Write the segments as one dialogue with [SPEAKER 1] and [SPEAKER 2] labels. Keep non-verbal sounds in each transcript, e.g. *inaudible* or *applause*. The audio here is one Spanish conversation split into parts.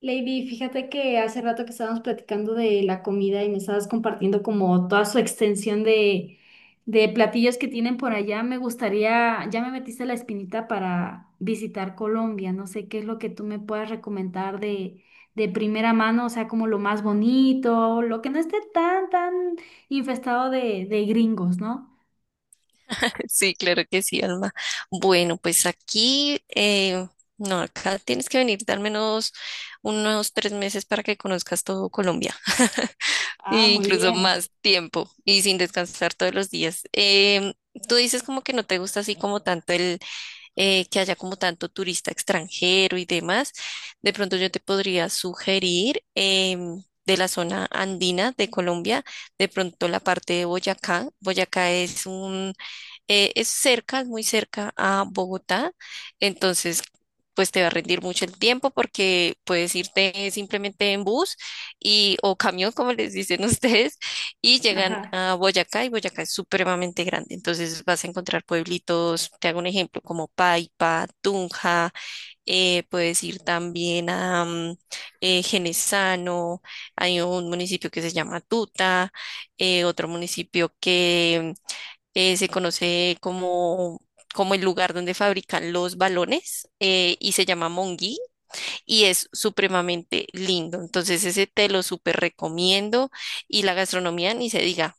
[SPEAKER 1] Lady, fíjate que hace rato que estábamos platicando de la comida y me estabas compartiendo como toda su extensión de platillos que tienen por allá. Me gustaría, ya me metiste la espinita para visitar Colombia. No sé qué es lo que tú me puedas recomendar de primera mano, o sea, como lo más bonito, lo que no esté tan infestado de gringos, ¿no?
[SPEAKER 2] *laughs* Sí, claro que sí, Alma. Bueno, pues aquí, no, acá tienes que venir al menos unos 3 meses para que conozcas todo Colombia, *laughs*
[SPEAKER 1] Ah,
[SPEAKER 2] e
[SPEAKER 1] muy
[SPEAKER 2] incluso
[SPEAKER 1] bien.
[SPEAKER 2] más tiempo y sin descansar todos los días. Tú dices como que no te gusta así como tanto el que haya como tanto turista extranjero y demás. De pronto yo te podría sugerir de la zona andina de Colombia, de pronto la parte de Boyacá. Boyacá es un es cerca, es muy cerca a Bogotá, entonces pues te va a rendir mucho el tiempo porque puedes irte simplemente en bus y o camión, como les dicen *laughs* ustedes, y llegan
[SPEAKER 1] Ajá.
[SPEAKER 2] a Boyacá y Boyacá es supremamente grande, entonces vas a encontrar pueblitos, te hago un ejemplo, como Paipa, Tunja, puedes ir también a Genesano, hay un municipio que se llama Tuta, otro municipio que se conoce como el lugar donde fabrican los balones y se llama Monguí y es supremamente lindo. Entonces ese te lo súper recomiendo y la gastronomía ni se diga.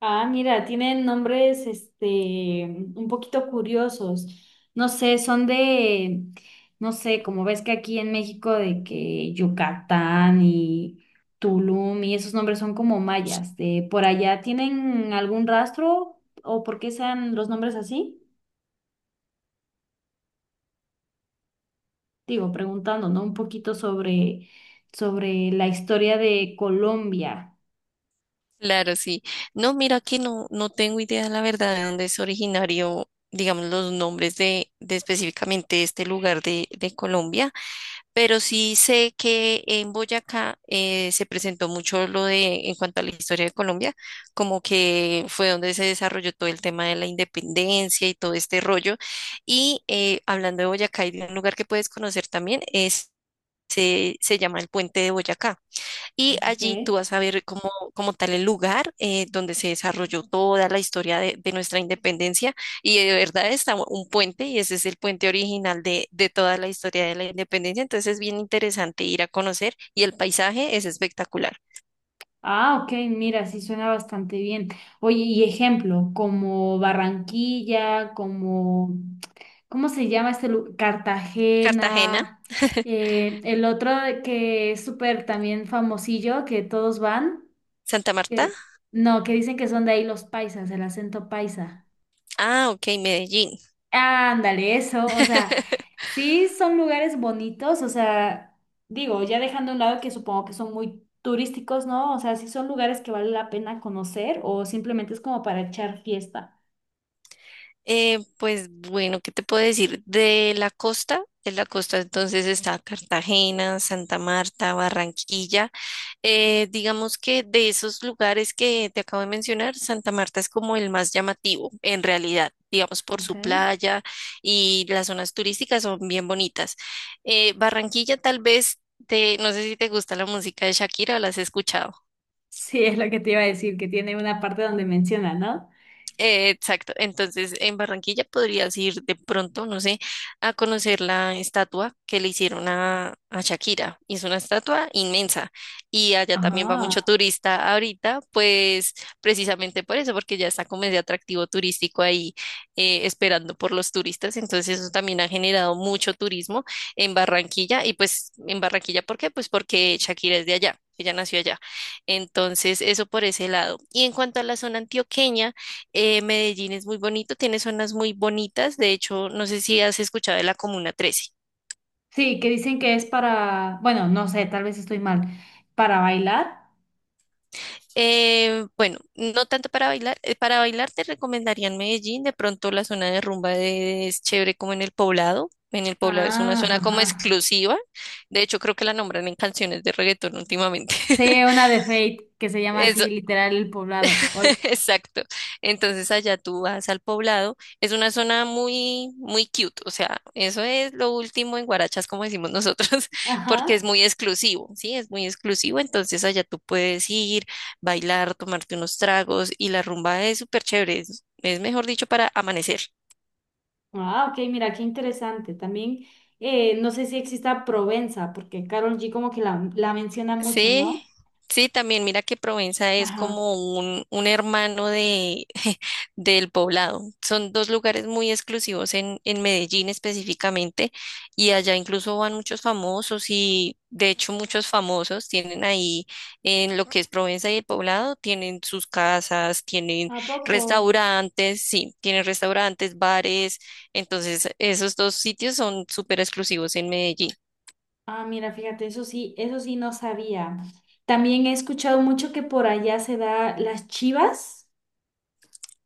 [SPEAKER 1] Ah, mira, tienen nombres, un poquito curiosos. No sé, son de, no sé, como ves que aquí en México de que Yucatán y Tulum y esos nombres son como mayas. De por allá, ¿tienen algún rastro o por qué sean los nombres así? Digo, preguntando, ¿no? Un poquito sobre la historia de Colombia.
[SPEAKER 2] Claro, sí. No, mira que no tengo idea, la verdad, de dónde es originario, digamos, los nombres de específicamente este lugar de Colombia. Pero sí sé que en Boyacá se presentó mucho lo de, en cuanto a la historia de Colombia, como que fue donde se desarrolló todo el tema de la independencia y todo este rollo. Y hablando de Boyacá, hay un lugar que puedes conocer también, se llama el Puente de Boyacá. Y allí tú
[SPEAKER 1] ¿Ok?
[SPEAKER 2] vas a ver como, como tal el lugar donde se desarrolló toda la historia de nuestra independencia. Y de verdad está un puente y ese es el puente original de toda la historia de la independencia. Entonces es bien interesante ir a conocer y el paisaje es espectacular.
[SPEAKER 1] Ah, ok, mira, sí suena bastante bien. Oye, y ejemplo, como Barranquilla, como, ¿cómo se llama este lugar?
[SPEAKER 2] Cartagena,
[SPEAKER 1] Cartagena, el otro que es súper también famosillo, que todos van,
[SPEAKER 2] Santa Marta.
[SPEAKER 1] que, no, que dicen que son de ahí los paisas, el acento paisa.
[SPEAKER 2] Ah, ok, Medellín.
[SPEAKER 1] Ándale, eso, o sea,
[SPEAKER 2] *laughs*
[SPEAKER 1] sí son lugares bonitos, o sea, digo, ya dejando a un lado que supongo que son muy turísticos, ¿no? O sea, sí son lugares que vale la pena conocer o simplemente es como para echar fiesta.
[SPEAKER 2] Pues bueno, ¿qué te puedo decir? De la costa entonces está Cartagena, Santa Marta, Barranquilla. Digamos que de esos lugares que te acabo de mencionar, Santa Marta es como el más llamativo, en realidad, digamos por
[SPEAKER 1] Ok.
[SPEAKER 2] su playa, y las zonas turísticas son bien bonitas. Barranquilla tal vez, no sé si te gusta la música de Shakira o la has escuchado.
[SPEAKER 1] Sí, es lo que te iba a decir, que tiene una parte donde menciona, ¿no?
[SPEAKER 2] Exacto, entonces en Barranquilla podrías ir de pronto, no sé, a conocer la estatua que le hicieron a Shakira. Y es una estatua inmensa y allá también va mucho
[SPEAKER 1] Ajá.
[SPEAKER 2] turista ahorita, pues precisamente por eso, porque ya está como ese atractivo turístico ahí esperando por los turistas. Entonces eso también ha generado mucho turismo en Barranquilla y pues en Barranquilla, ¿por qué? Pues porque Shakira es de allá, ella nació allá. Entonces eso por ese lado. Y en cuanto a la zona antioqueña, Medellín es muy bonito, tiene zonas muy bonitas. De hecho, no sé si has escuchado de la Comuna 13.
[SPEAKER 1] Sí, que dicen que es para, bueno, no sé, tal vez estoy mal, para bailar.
[SPEAKER 2] Bueno, no tanto para bailar. Para bailar te recomendarían Medellín. De pronto la zona de rumba es chévere como en el Poblado. En el Poblado es una
[SPEAKER 1] Ah,
[SPEAKER 2] zona como
[SPEAKER 1] ajá.
[SPEAKER 2] exclusiva. De hecho, creo que la nombran en canciones de reggaetón últimamente. *laughs*
[SPEAKER 1] Sí, una de Fate que se llama
[SPEAKER 2] Eso,
[SPEAKER 1] así, literal, El Poblado. Ol-
[SPEAKER 2] *laughs* exacto. Entonces allá tú vas al Poblado. Es una zona muy, muy cute. O sea, eso es lo último en guarachas, como decimos nosotros, *laughs*
[SPEAKER 1] Ajá.
[SPEAKER 2] porque es muy exclusivo, ¿sí? Es muy exclusivo. Entonces allá tú puedes ir, bailar, tomarte unos tragos y la rumba es súper chévere. Es mejor dicho para amanecer.
[SPEAKER 1] Ah, ok, mira, qué interesante. También, no sé si exista Provenza, porque Carol G como que la menciona mucho,
[SPEAKER 2] Sí,
[SPEAKER 1] ¿no?
[SPEAKER 2] sí, también mira que Provenza es
[SPEAKER 1] Ajá.
[SPEAKER 2] como un hermano de, *laughs* del Poblado. Son dos lugares muy exclusivos en Medellín específicamente, y allá incluso van muchos famosos y de hecho muchos famosos tienen ahí en lo que es Provenza y el Poblado, tienen sus casas, tienen
[SPEAKER 1] ¿A poco?
[SPEAKER 2] restaurantes, sí, tienen restaurantes, bares. Entonces esos dos sitios son súper exclusivos en Medellín.
[SPEAKER 1] Ah, mira, fíjate, eso sí no sabía. También he escuchado mucho que por allá se da las chivas.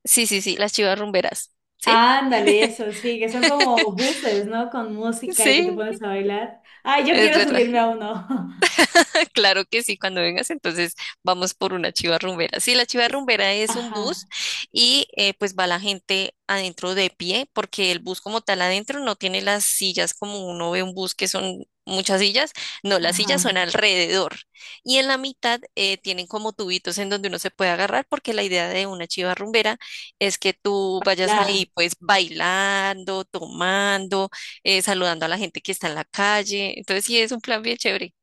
[SPEAKER 2] Sí, sí, sí, las chivas rumberas. ¿Sí?
[SPEAKER 1] Ándale, eso sí, que son como buses, ¿no? Con música y que te
[SPEAKER 2] Sí,
[SPEAKER 1] pones a bailar. Ay, yo
[SPEAKER 2] es
[SPEAKER 1] quiero
[SPEAKER 2] verdad.
[SPEAKER 1] subirme a uno. *laughs*
[SPEAKER 2] *laughs* Claro que sí, cuando vengas, entonces vamos por una chiva rumbera. Sí, la chiva
[SPEAKER 1] Es-
[SPEAKER 2] rumbera es un bus
[SPEAKER 1] Ajá,
[SPEAKER 2] y pues va la gente adentro de pie, porque el bus como tal adentro no tiene las sillas como uno ve un bus que son muchas sillas, no, las sillas son
[SPEAKER 1] ajá.
[SPEAKER 2] alrededor y en la mitad tienen como tubitos en donde uno se puede agarrar, porque la idea de una chiva rumbera es que tú vayas
[SPEAKER 1] La,
[SPEAKER 2] ahí pues bailando, tomando, saludando a la gente que está en la calle, entonces sí, es un plan bien chévere.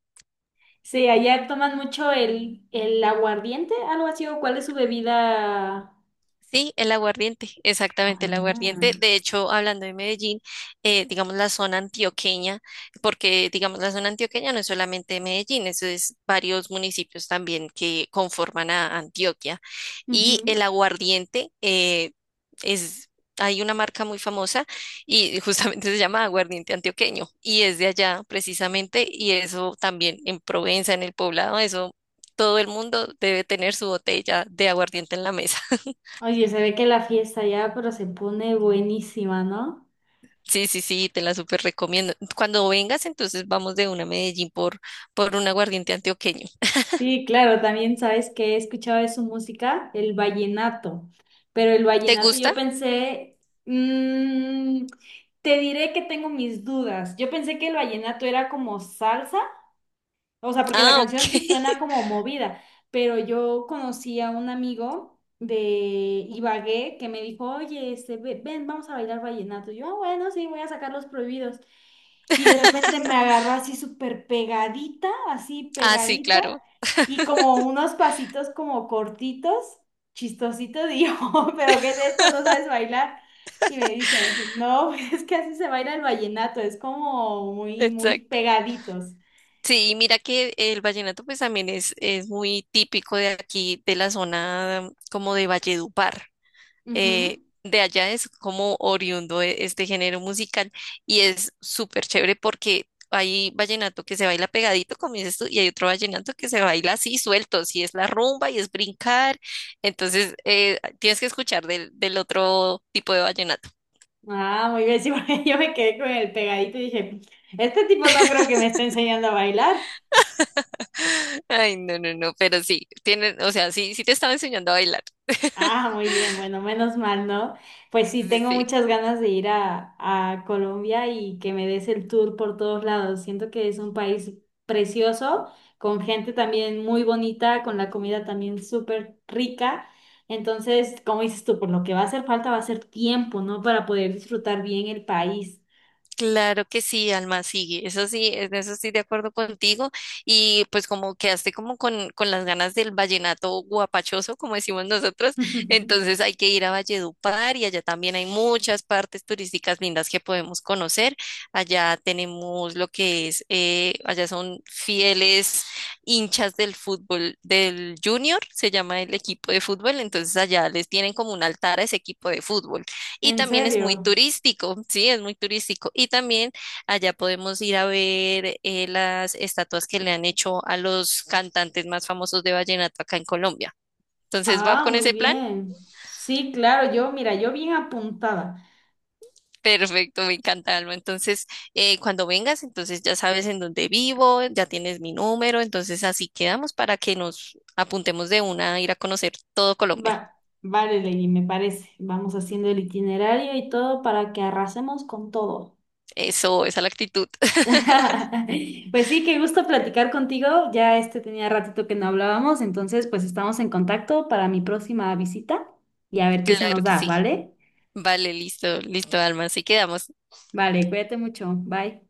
[SPEAKER 1] sí, allá toman mucho el aguardiente, algo así, o cuál es su bebida.
[SPEAKER 2] Sí, el aguardiente, exactamente el aguardiente.
[SPEAKER 1] Ah.
[SPEAKER 2] De hecho, hablando de Medellín, digamos la zona antioqueña, porque digamos la zona antioqueña no es solamente Medellín, eso es varios municipios también que conforman a Antioquia. Y el
[SPEAKER 1] Ujú.
[SPEAKER 2] aguardiente es, hay una marca muy famosa y justamente *laughs* se llama aguardiente antioqueño y es de allá precisamente, y eso también en Provenza, en el Poblado, eso todo el mundo debe tener su botella de aguardiente en la mesa. *laughs*
[SPEAKER 1] Oye, se ve que la fiesta ya, pero se pone buenísima, ¿no?
[SPEAKER 2] Sí, sí, sí, te la súper recomiendo. Cuando vengas, entonces vamos de una a Medellín por un aguardiente antioqueño.
[SPEAKER 1] Sí, claro, también sabes que he escuchado de su música, el vallenato. Pero el
[SPEAKER 2] ¿Te
[SPEAKER 1] vallenato yo
[SPEAKER 2] gusta?
[SPEAKER 1] pensé, mm, te diré que tengo mis dudas. Yo pensé que el vallenato era como salsa. O sea, porque la
[SPEAKER 2] Ah, ok.
[SPEAKER 1] canción sí suena
[SPEAKER 2] *laughs*
[SPEAKER 1] como movida, pero yo conocí a un amigo de Ibagué que me dijo, oye, ven, vamos a bailar vallenato. Y yo, "Ah, bueno, sí, voy a sacar los prohibidos". Y de repente me agarró así súper pegadita, así
[SPEAKER 2] Ah, sí,
[SPEAKER 1] pegadita,
[SPEAKER 2] claro.
[SPEAKER 1] y como unos pasitos como cortitos, chistositos, y yo, *laughs* pero ¿qué es esto? ¿No sabes bailar? Y me dice, no, *laughs* es que así se baila el vallenato, es como muy, muy
[SPEAKER 2] Exacto.
[SPEAKER 1] pegaditos.
[SPEAKER 2] Sí, y mira que el vallenato pues también es muy típico de aquí, de la zona como de Valledupar.
[SPEAKER 1] Ujú.
[SPEAKER 2] De allá es como oriundo este género musical y es súper chévere porque hay vallenato que se baila pegadito, como dices tú, y hay otro vallenato que se baila así suelto, si es la rumba y es brincar, entonces tienes que escuchar del otro tipo de vallenato.
[SPEAKER 1] Ah, muy bien, sí, porque *laughs* yo me quedé con el pegadito y dije, este tipo no creo que me esté enseñando a bailar.
[SPEAKER 2] *laughs* Ay, no, no, no, pero sí, tienen, o sea, sí, sí te estaba enseñando a bailar.
[SPEAKER 1] Ah,
[SPEAKER 2] *laughs*
[SPEAKER 1] muy bien, bueno, menos mal, ¿no? Pues sí,
[SPEAKER 2] Sí,
[SPEAKER 1] tengo
[SPEAKER 2] sí.
[SPEAKER 1] muchas ganas de ir a Colombia y que me des el tour por todos lados. Siento que es un país precioso, con gente también muy bonita, con la comida también súper rica. Entonces, como dices tú, por lo que va a hacer falta va a ser tiempo, ¿no? Para poder disfrutar bien el país.
[SPEAKER 2] Claro que sí, Alma, sí, eso sí, en eso estoy de acuerdo contigo, y pues como quedaste como con las ganas del vallenato guapachoso, como decimos nosotros,
[SPEAKER 1] *laughs*
[SPEAKER 2] entonces hay que ir a Valledupar y allá también hay muchas partes turísticas lindas que podemos conocer, allá tenemos lo que allá son fieles hinchas del fútbol del Junior, se llama el equipo de fútbol, entonces allá les tienen como un altar a ese equipo de fútbol. Y
[SPEAKER 1] En
[SPEAKER 2] también es muy
[SPEAKER 1] serio.
[SPEAKER 2] turístico, sí, es muy turístico. Y también allá podemos ir a ver las estatuas que le han hecho a los cantantes más famosos de vallenato acá en Colombia. Entonces, ¿va
[SPEAKER 1] Ah,
[SPEAKER 2] con
[SPEAKER 1] muy
[SPEAKER 2] ese plan?
[SPEAKER 1] bien. Sí, claro, yo, mira, yo bien apuntada.
[SPEAKER 2] Perfecto, me encanta, Alma. Entonces, cuando vengas, entonces ya sabes en dónde vivo, ya tienes mi número, entonces así quedamos para que nos apuntemos de una a ir a conocer todo Colombia.
[SPEAKER 1] Va, vale, Lady, me parece. Vamos haciendo el itinerario y todo para que arrasemos con todo.
[SPEAKER 2] Eso, esa es la actitud. *laughs*
[SPEAKER 1] *laughs* Pues sí, qué gusto platicar contigo. Ya tenía ratito que no hablábamos, entonces pues estamos en contacto para mi próxima visita y a ver qué se nos
[SPEAKER 2] Claro que
[SPEAKER 1] da,
[SPEAKER 2] sí.
[SPEAKER 1] ¿vale?
[SPEAKER 2] Vale, listo, listo, Alma. Así quedamos.
[SPEAKER 1] Vale, cuídate mucho. Bye.